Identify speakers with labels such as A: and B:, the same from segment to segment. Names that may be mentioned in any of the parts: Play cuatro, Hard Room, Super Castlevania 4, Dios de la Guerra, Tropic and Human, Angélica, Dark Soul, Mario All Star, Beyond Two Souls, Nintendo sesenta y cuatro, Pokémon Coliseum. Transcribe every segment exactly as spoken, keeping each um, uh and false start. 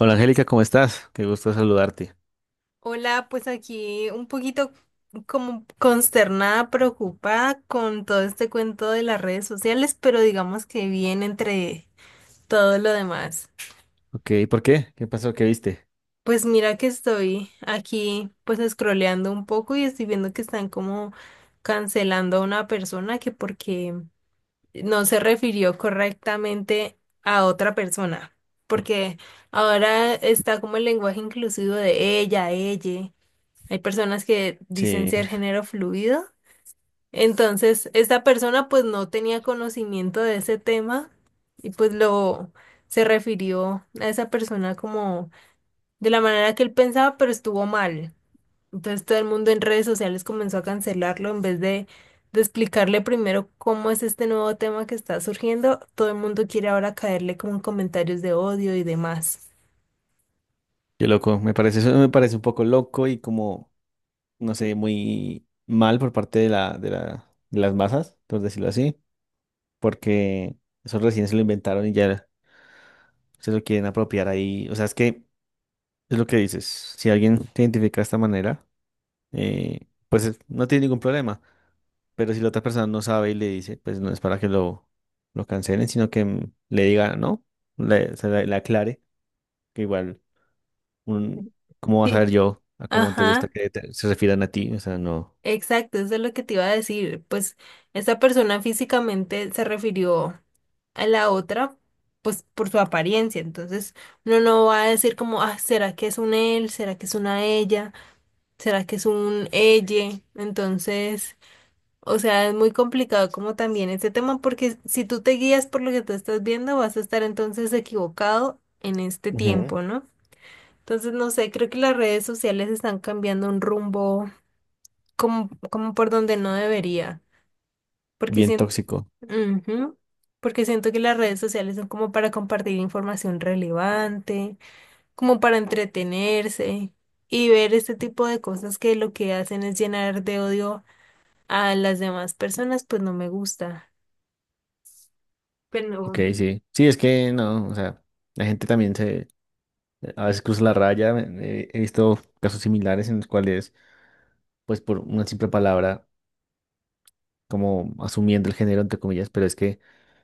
A: Hola Angélica, ¿cómo estás? Qué gusto saludarte.
B: Hola, pues aquí un poquito como consternada, preocupada con todo este cuento de las redes sociales, pero digamos que bien entre todo lo demás.
A: Ok, ¿por qué? ¿Qué pasó? ¿Qué viste?
B: Pues mira que estoy aquí pues scrolleando un poco y estoy viendo que están como cancelando a una persona que porque no se refirió correctamente a otra persona, porque ahora está como el lenguaje inclusivo de ella, ella. Hay personas que dicen
A: Sí,
B: ser género fluido. Entonces, esta persona pues no tenía conocimiento de ese tema y pues lo se refirió a esa persona como de la manera que él pensaba, pero estuvo mal. Entonces todo el mundo en redes sociales comenzó a cancelarlo en vez de, de explicarle primero cómo es este nuevo tema que está surgiendo. Todo el mundo quiere ahora caerle con comentarios de odio y demás.
A: qué loco. Me parece, eso me parece un poco loco y como, no sé, muy mal por parte de la, de la, de las masas, por decirlo así, porque eso recién se lo inventaron y ya se lo quieren apropiar ahí. O sea, es que es lo que dices. Si alguien se identifica de esta manera, eh, pues eh, no tiene ningún problema. Pero si la otra persona no sabe y le dice, pues no es para que lo, lo cancelen, sino que mm, le diga, no, le, se le, le aclare, que igual, un, ¿cómo vas a
B: Sí.
A: ver yo a cómo te
B: Ajá.
A: gusta que te- se refieran a ti? O sea, no,
B: Exacto, eso es lo que te iba a decir. Pues esta persona físicamente se refirió a la otra, pues por su apariencia. Entonces uno no va a decir como, ah, ¿será que es un él? ¿Será que es una ella? ¿Será que es un elle? Entonces, o sea, es muy complicado como también este tema porque si tú te guías por lo que tú estás viendo, vas a estar entonces equivocado en este
A: ujú,
B: tiempo, ¿no? Entonces, no sé, creo que las redes sociales están cambiando un rumbo como, como por donde no debería. Porque
A: bien
B: siento,
A: tóxico.
B: porque siento que las redes sociales son como para compartir información relevante, como para entretenerse y ver este tipo de cosas que lo que hacen es llenar de odio a las demás personas, pues no me gusta.
A: Ok,
B: Pero
A: sí. Sí, es que no, o sea, la gente también se, a veces cruza la raya. eh, He visto casos similares en los cuales, pues por una simple palabra, como asumiendo el género, entre comillas, pero es que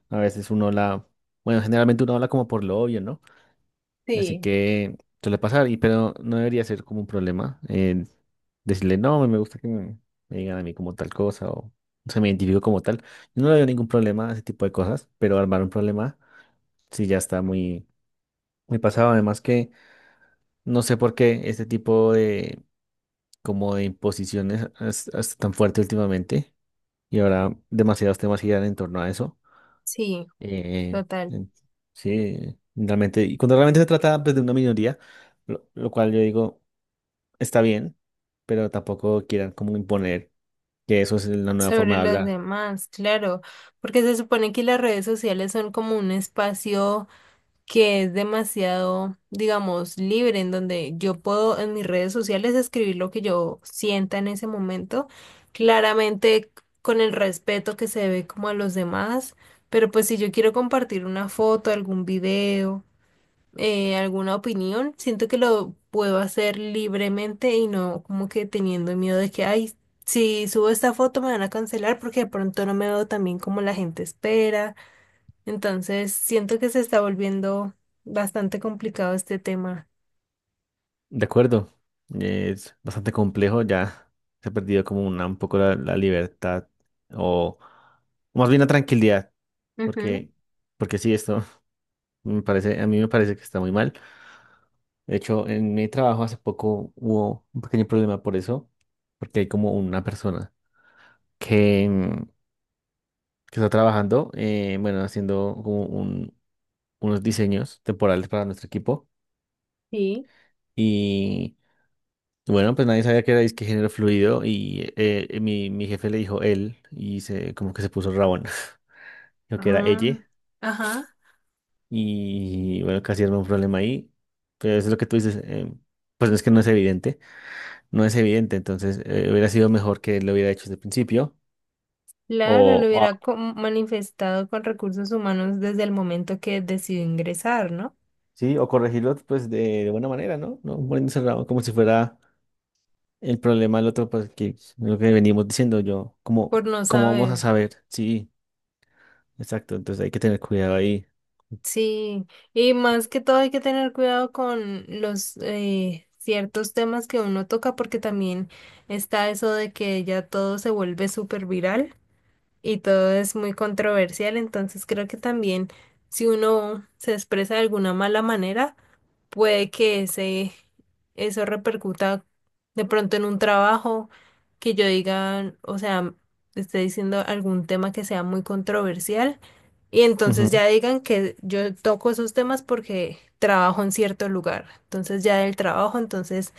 A: a veces uno la, bueno, generalmente uno habla como por lo obvio, ¿no? Así
B: sí,
A: que suele pasar, y, pero no debería ser como un problema eh, decirle, no, me gusta que me, me digan a mí como tal cosa o se me identifico como tal. Yo no le veo ningún problema a ese tipo de cosas, pero armar un problema sí ya está muy, muy pasado. Además que no sé por qué este tipo de, como de imposiciones es, es tan fuerte últimamente y ahora demasiados temas giran en torno a eso.
B: sí,
A: Eh,
B: total.
A: en- sí, realmente, y cuando realmente se trata pues, de una minoría, lo, lo cual yo digo, está bien, pero tampoco quieran como imponer que eso es la nueva
B: Sobre
A: forma de
B: los
A: hablar.
B: demás, claro, porque se supone que las redes sociales son como un espacio que es demasiado, digamos, libre, en donde yo puedo en mis redes sociales escribir lo que yo sienta en ese momento, claramente con el respeto que se debe como a los demás, pero pues si yo quiero compartir una foto, algún video, eh, alguna opinión, siento que lo puedo hacer libremente y no como que teniendo miedo de que, ay, si subo esta foto me van a cancelar porque de pronto no me veo tan bien como la gente espera. Entonces, siento que se está volviendo bastante complicado este tema.
A: De acuerdo, es bastante complejo, ya se ha perdido como una, un poco la, la libertad o, o más bien la tranquilidad,
B: Ujú,
A: porque, porque sí, esto me parece, a mí me parece que está muy mal. De hecho, en mi trabajo hace poco hubo un pequeño problema por eso, porque hay como una persona que, em, que está trabajando, eh, bueno, haciendo como un- unos diseños temporales para nuestro equipo.
B: sí.
A: Y bueno, pues nadie sabía que era disque género fluido y eh, eh, mi, mi jefe le dijo él y se, como que se puso rabón, lo que era ella.
B: Ah, ajá.
A: Y bueno, casi era un problema ahí. Pero eso es lo que tú dices, eh, pues no es que no es evidente, no es evidente, entonces eh, hubiera sido mejor que lo hubiera hecho desde el principio.
B: Claro,
A: O,
B: lo
A: o-
B: hubiera co- manifestado con recursos humanos desde el momento que decidió ingresar, ¿no?
A: sí, o corregirlo pues de, de buena manera, ¿no? No poniéndose rabón como si fuera el problema del otro, pues, que es lo que venimos diciendo yo, como,
B: Por no
A: ¿cómo vamos a
B: saber.
A: saber? Sí, exacto, entonces hay que tener cuidado ahí.
B: Sí, y más que todo hay que tener cuidado con los eh, ciertos temas que uno toca porque también está eso de que ya todo se vuelve súper viral. Y todo es muy controversial, entonces creo que también si uno se expresa de alguna mala manera, puede que ese, eso repercuta de pronto en un trabajo, que yo diga, o sea, esté diciendo algún tema que sea muy controversial y entonces ya
A: Ujú,
B: digan que yo toco esos temas porque trabajo en cierto lugar, entonces ya del trabajo, entonces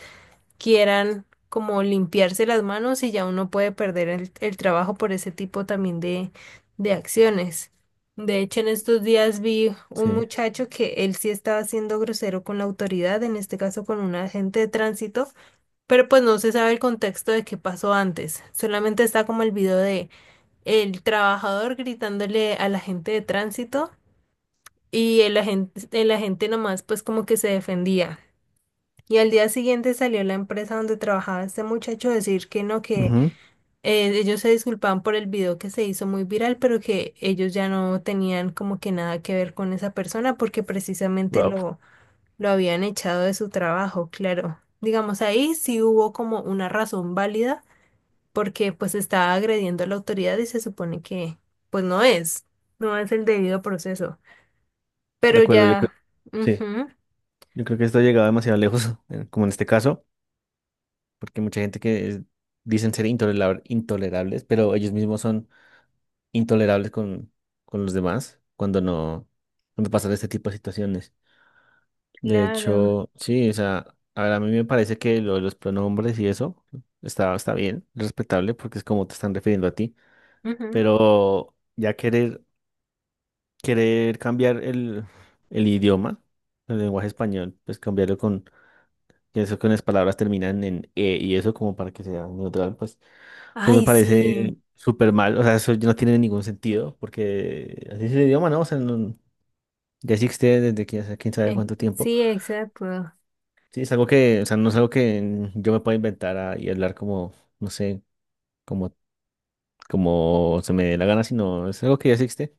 B: quieran como limpiarse las manos y ya uno puede perder el, el trabajo por ese tipo también de, de acciones. De hecho, en estos días vi un
A: sí,
B: muchacho que él sí estaba siendo grosero con la autoridad, en este caso con un agente de tránsito, pero pues no se sabe el contexto de qué pasó antes. Solamente está como el video de el trabajador gritándole al agente de tránsito y el agente, el agente nomás pues como que se defendía. Y al día siguiente salió la empresa donde trabajaba este muchacho a decir que no, que
A: ujú.
B: eh, ellos se disculpaban por el video que se hizo muy viral, pero que ellos ya no tenían como que nada que ver con esa persona porque precisamente
A: Wow.
B: lo, lo habían echado de su trabajo, claro. Digamos, ahí sí hubo como una razón válida porque pues estaba agrediendo a la autoridad y se supone que pues no es, no es el debido proceso.
A: De
B: Pero
A: acuerdo, yo
B: ya,
A: creo. Sí,
B: ujú,
A: yo creo que esto ha llegado demasiado lejos, eh, como en este caso, porque mucha gente que es- dicen ser intolera- intolerables, pero ellos mismos son intolerables con, con los demás cuando no, cuando pasan este tipo de situaciones. De
B: claro,
A: hecho, sí, o sea, a ver, a mí me parece que lo de los pronombres y eso está, está bien, respetable, porque es como te están refiriendo a ti,
B: ujú.
A: pero ya querer, querer cambiar el, el idioma, el lenguaje español, pues cambiarlo con, que eso con las palabras terminan en e y eso como para que sea neutral, pues, pues me
B: Ay,
A: parece
B: sí.
A: súper mal, o sea, eso no tiene ningún sentido, porque así es el idioma, ¿no? O sea, no, ya existe desde que hace quién sabe
B: Eh,
A: cuánto tiempo.
B: sí, exacto.
A: Sí, es algo que, o sea, no es algo que mm, yo me pueda inventar ah, y hablar como, no sé, como, como se me dé la gana, sino es algo que ya existe.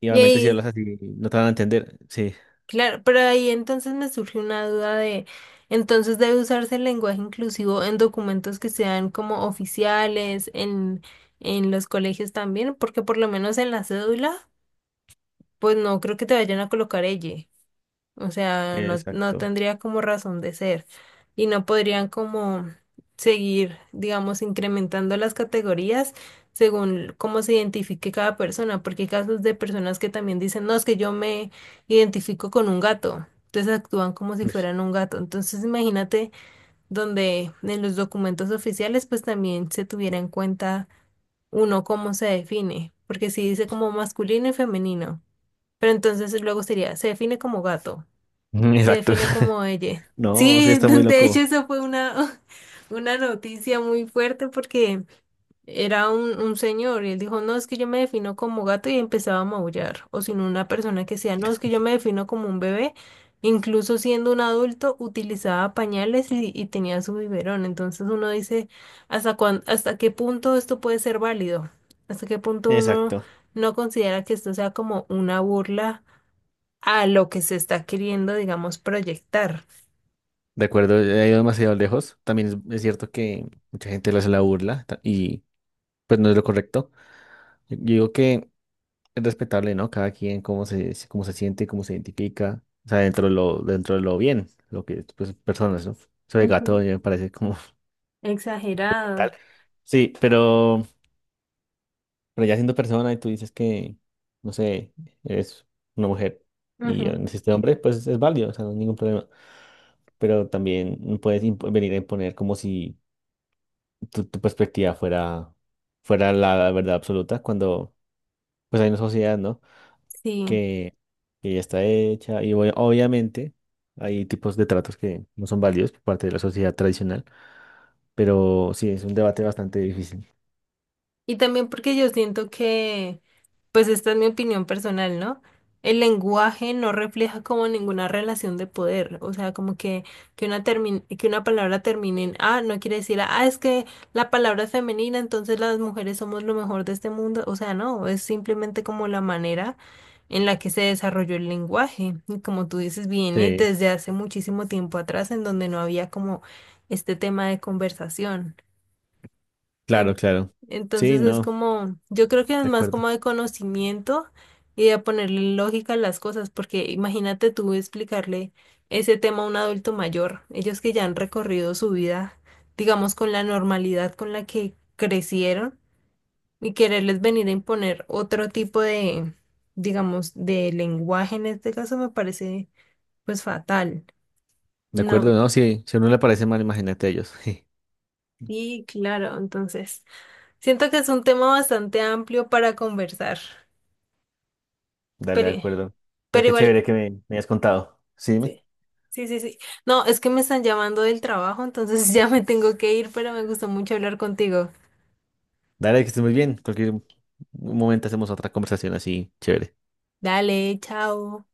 A: Y
B: Y
A: obviamente si
B: ahí,
A: hablas así, no te van a entender. Sí,
B: claro, pero ahí entonces me surgió una duda de, entonces debe usarse el lenguaje inclusivo en documentos que sean como oficiales, en, en los colegios también, porque por lo menos en la cédula, pues no creo que te vayan a colocar ella. O sea, no, no
A: exacto.
B: tendría como razón de ser y no podrían como seguir, digamos, incrementando las categorías según cómo se identifique cada persona, porque hay casos de personas que también dicen, no, es que yo me identifico con un gato, entonces actúan como si fueran un gato. Entonces imagínate, donde en los documentos oficiales pues también se tuviera en cuenta uno cómo se define, porque si dice como masculino y femenino, pero entonces luego sería, se define como gato. Se
A: Exacto.
B: define como ella.
A: No, sí,
B: Sí,
A: está muy
B: de hecho
A: loco.
B: eso fue una, una noticia muy fuerte porque era un, un señor y él dijo, no, es que yo me defino como gato y empezaba a maullar. O sino una persona que decía, no, es que yo me defino como un bebé. Incluso siendo un adulto, utilizaba pañales y, y tenía su biberón. Entonces uno dice, ¿hasta cuán, hasta qué punto esto puede ser válido? ¿Hasta qué punto uno
A: Exacto.
B: no considera que esto sea como una burla, a lo que se está queriendo, digamos, proyectar?
A: De acuerdo, he ido demasiado lejos. También es, es cierto que mucha gente le hace la burla ta- y pues no es lo correcto. Yo digo que es respetable, ¿no? Cada quien cómo se, se- cómo se siente, cómo se identifica, o sea, dentro de lo, dentro de lo bien, lo que, pues, personas, ¿no? Eso de gato
B: Ujú.
A: ya me parece como mental.
B: Exagerado.
A: Sí, pero, pero ya siendo persona y tú dices que, no sé, eres una mujer y ya
B: Ujú,
A: naciste hombre, pues es válido, o sea, no hay ningún problema. Pero también no puedes impo- venir a imponer como si tu, tu perspectiva fuera, fuera la verdad absoluta cuando, pues hay una sociedad, ¿no?
B: sí.
A: que, que ya está hecha y obvia- obviamente hay tipos de tratos que no son válidos por parte de la sociedad tradicional, pero sí, es un debate bastante difícil.
B: Y también porque yo siento que, pues esta es mi opinión personal, ¿no? El lenguaje no refleja como ninguna relación de poder, o sea, como que, que una termin- que una palabra termine en ah, no quiere decir ah, es que la palabra es femenina, entonces las mujeres somos lo mejor de este mundo, o sea, no, es simplemente como la manera en la que se desarrolló el lenguaje, y como tú dices, viene
A: Sí,
B: desde hace muchísimo tiempo atrás en donde no había como este tema de conversación.
A: claro,
B: En-
A: claro. Sí,
B: Entonces es
A: no,
B: como, yo creo que es
A: de
B: más
A: acuerdo.
B: como de conocimiento y de ponerle lógica a las cosas, porque imagínate tú explicarle ese tema a un adulto mayor, ellos que ya han recorrido su vida, digamos, con la normalidad con la que crecieron y quererles venir a imponer otro tipo de, digamos, de lenguaje en este caso me parece pues fatal.
A: De acuerdo,
B: No,
A: no, sí, si a uno le parece mal, imagínate a ellos.
B: sí, claro, entonces siento que es un tema bastante amplio para conversar.
A: Dale, de
B: Pero
A: acuerdo. Pero
B: Pero
A: qué
B: igual,
A: chévere que me, me hayas contado. Sí, dime.
B: sí, sí, sí, sí. No, es que me están llamando del trabajo, entonces ya me tengo que ir, pero me gustó mucho hablar contigo.
A: Dale, que estés muy bien. Cualquier momento hacemos otra conversación así, chévere.
B: Dale, chao.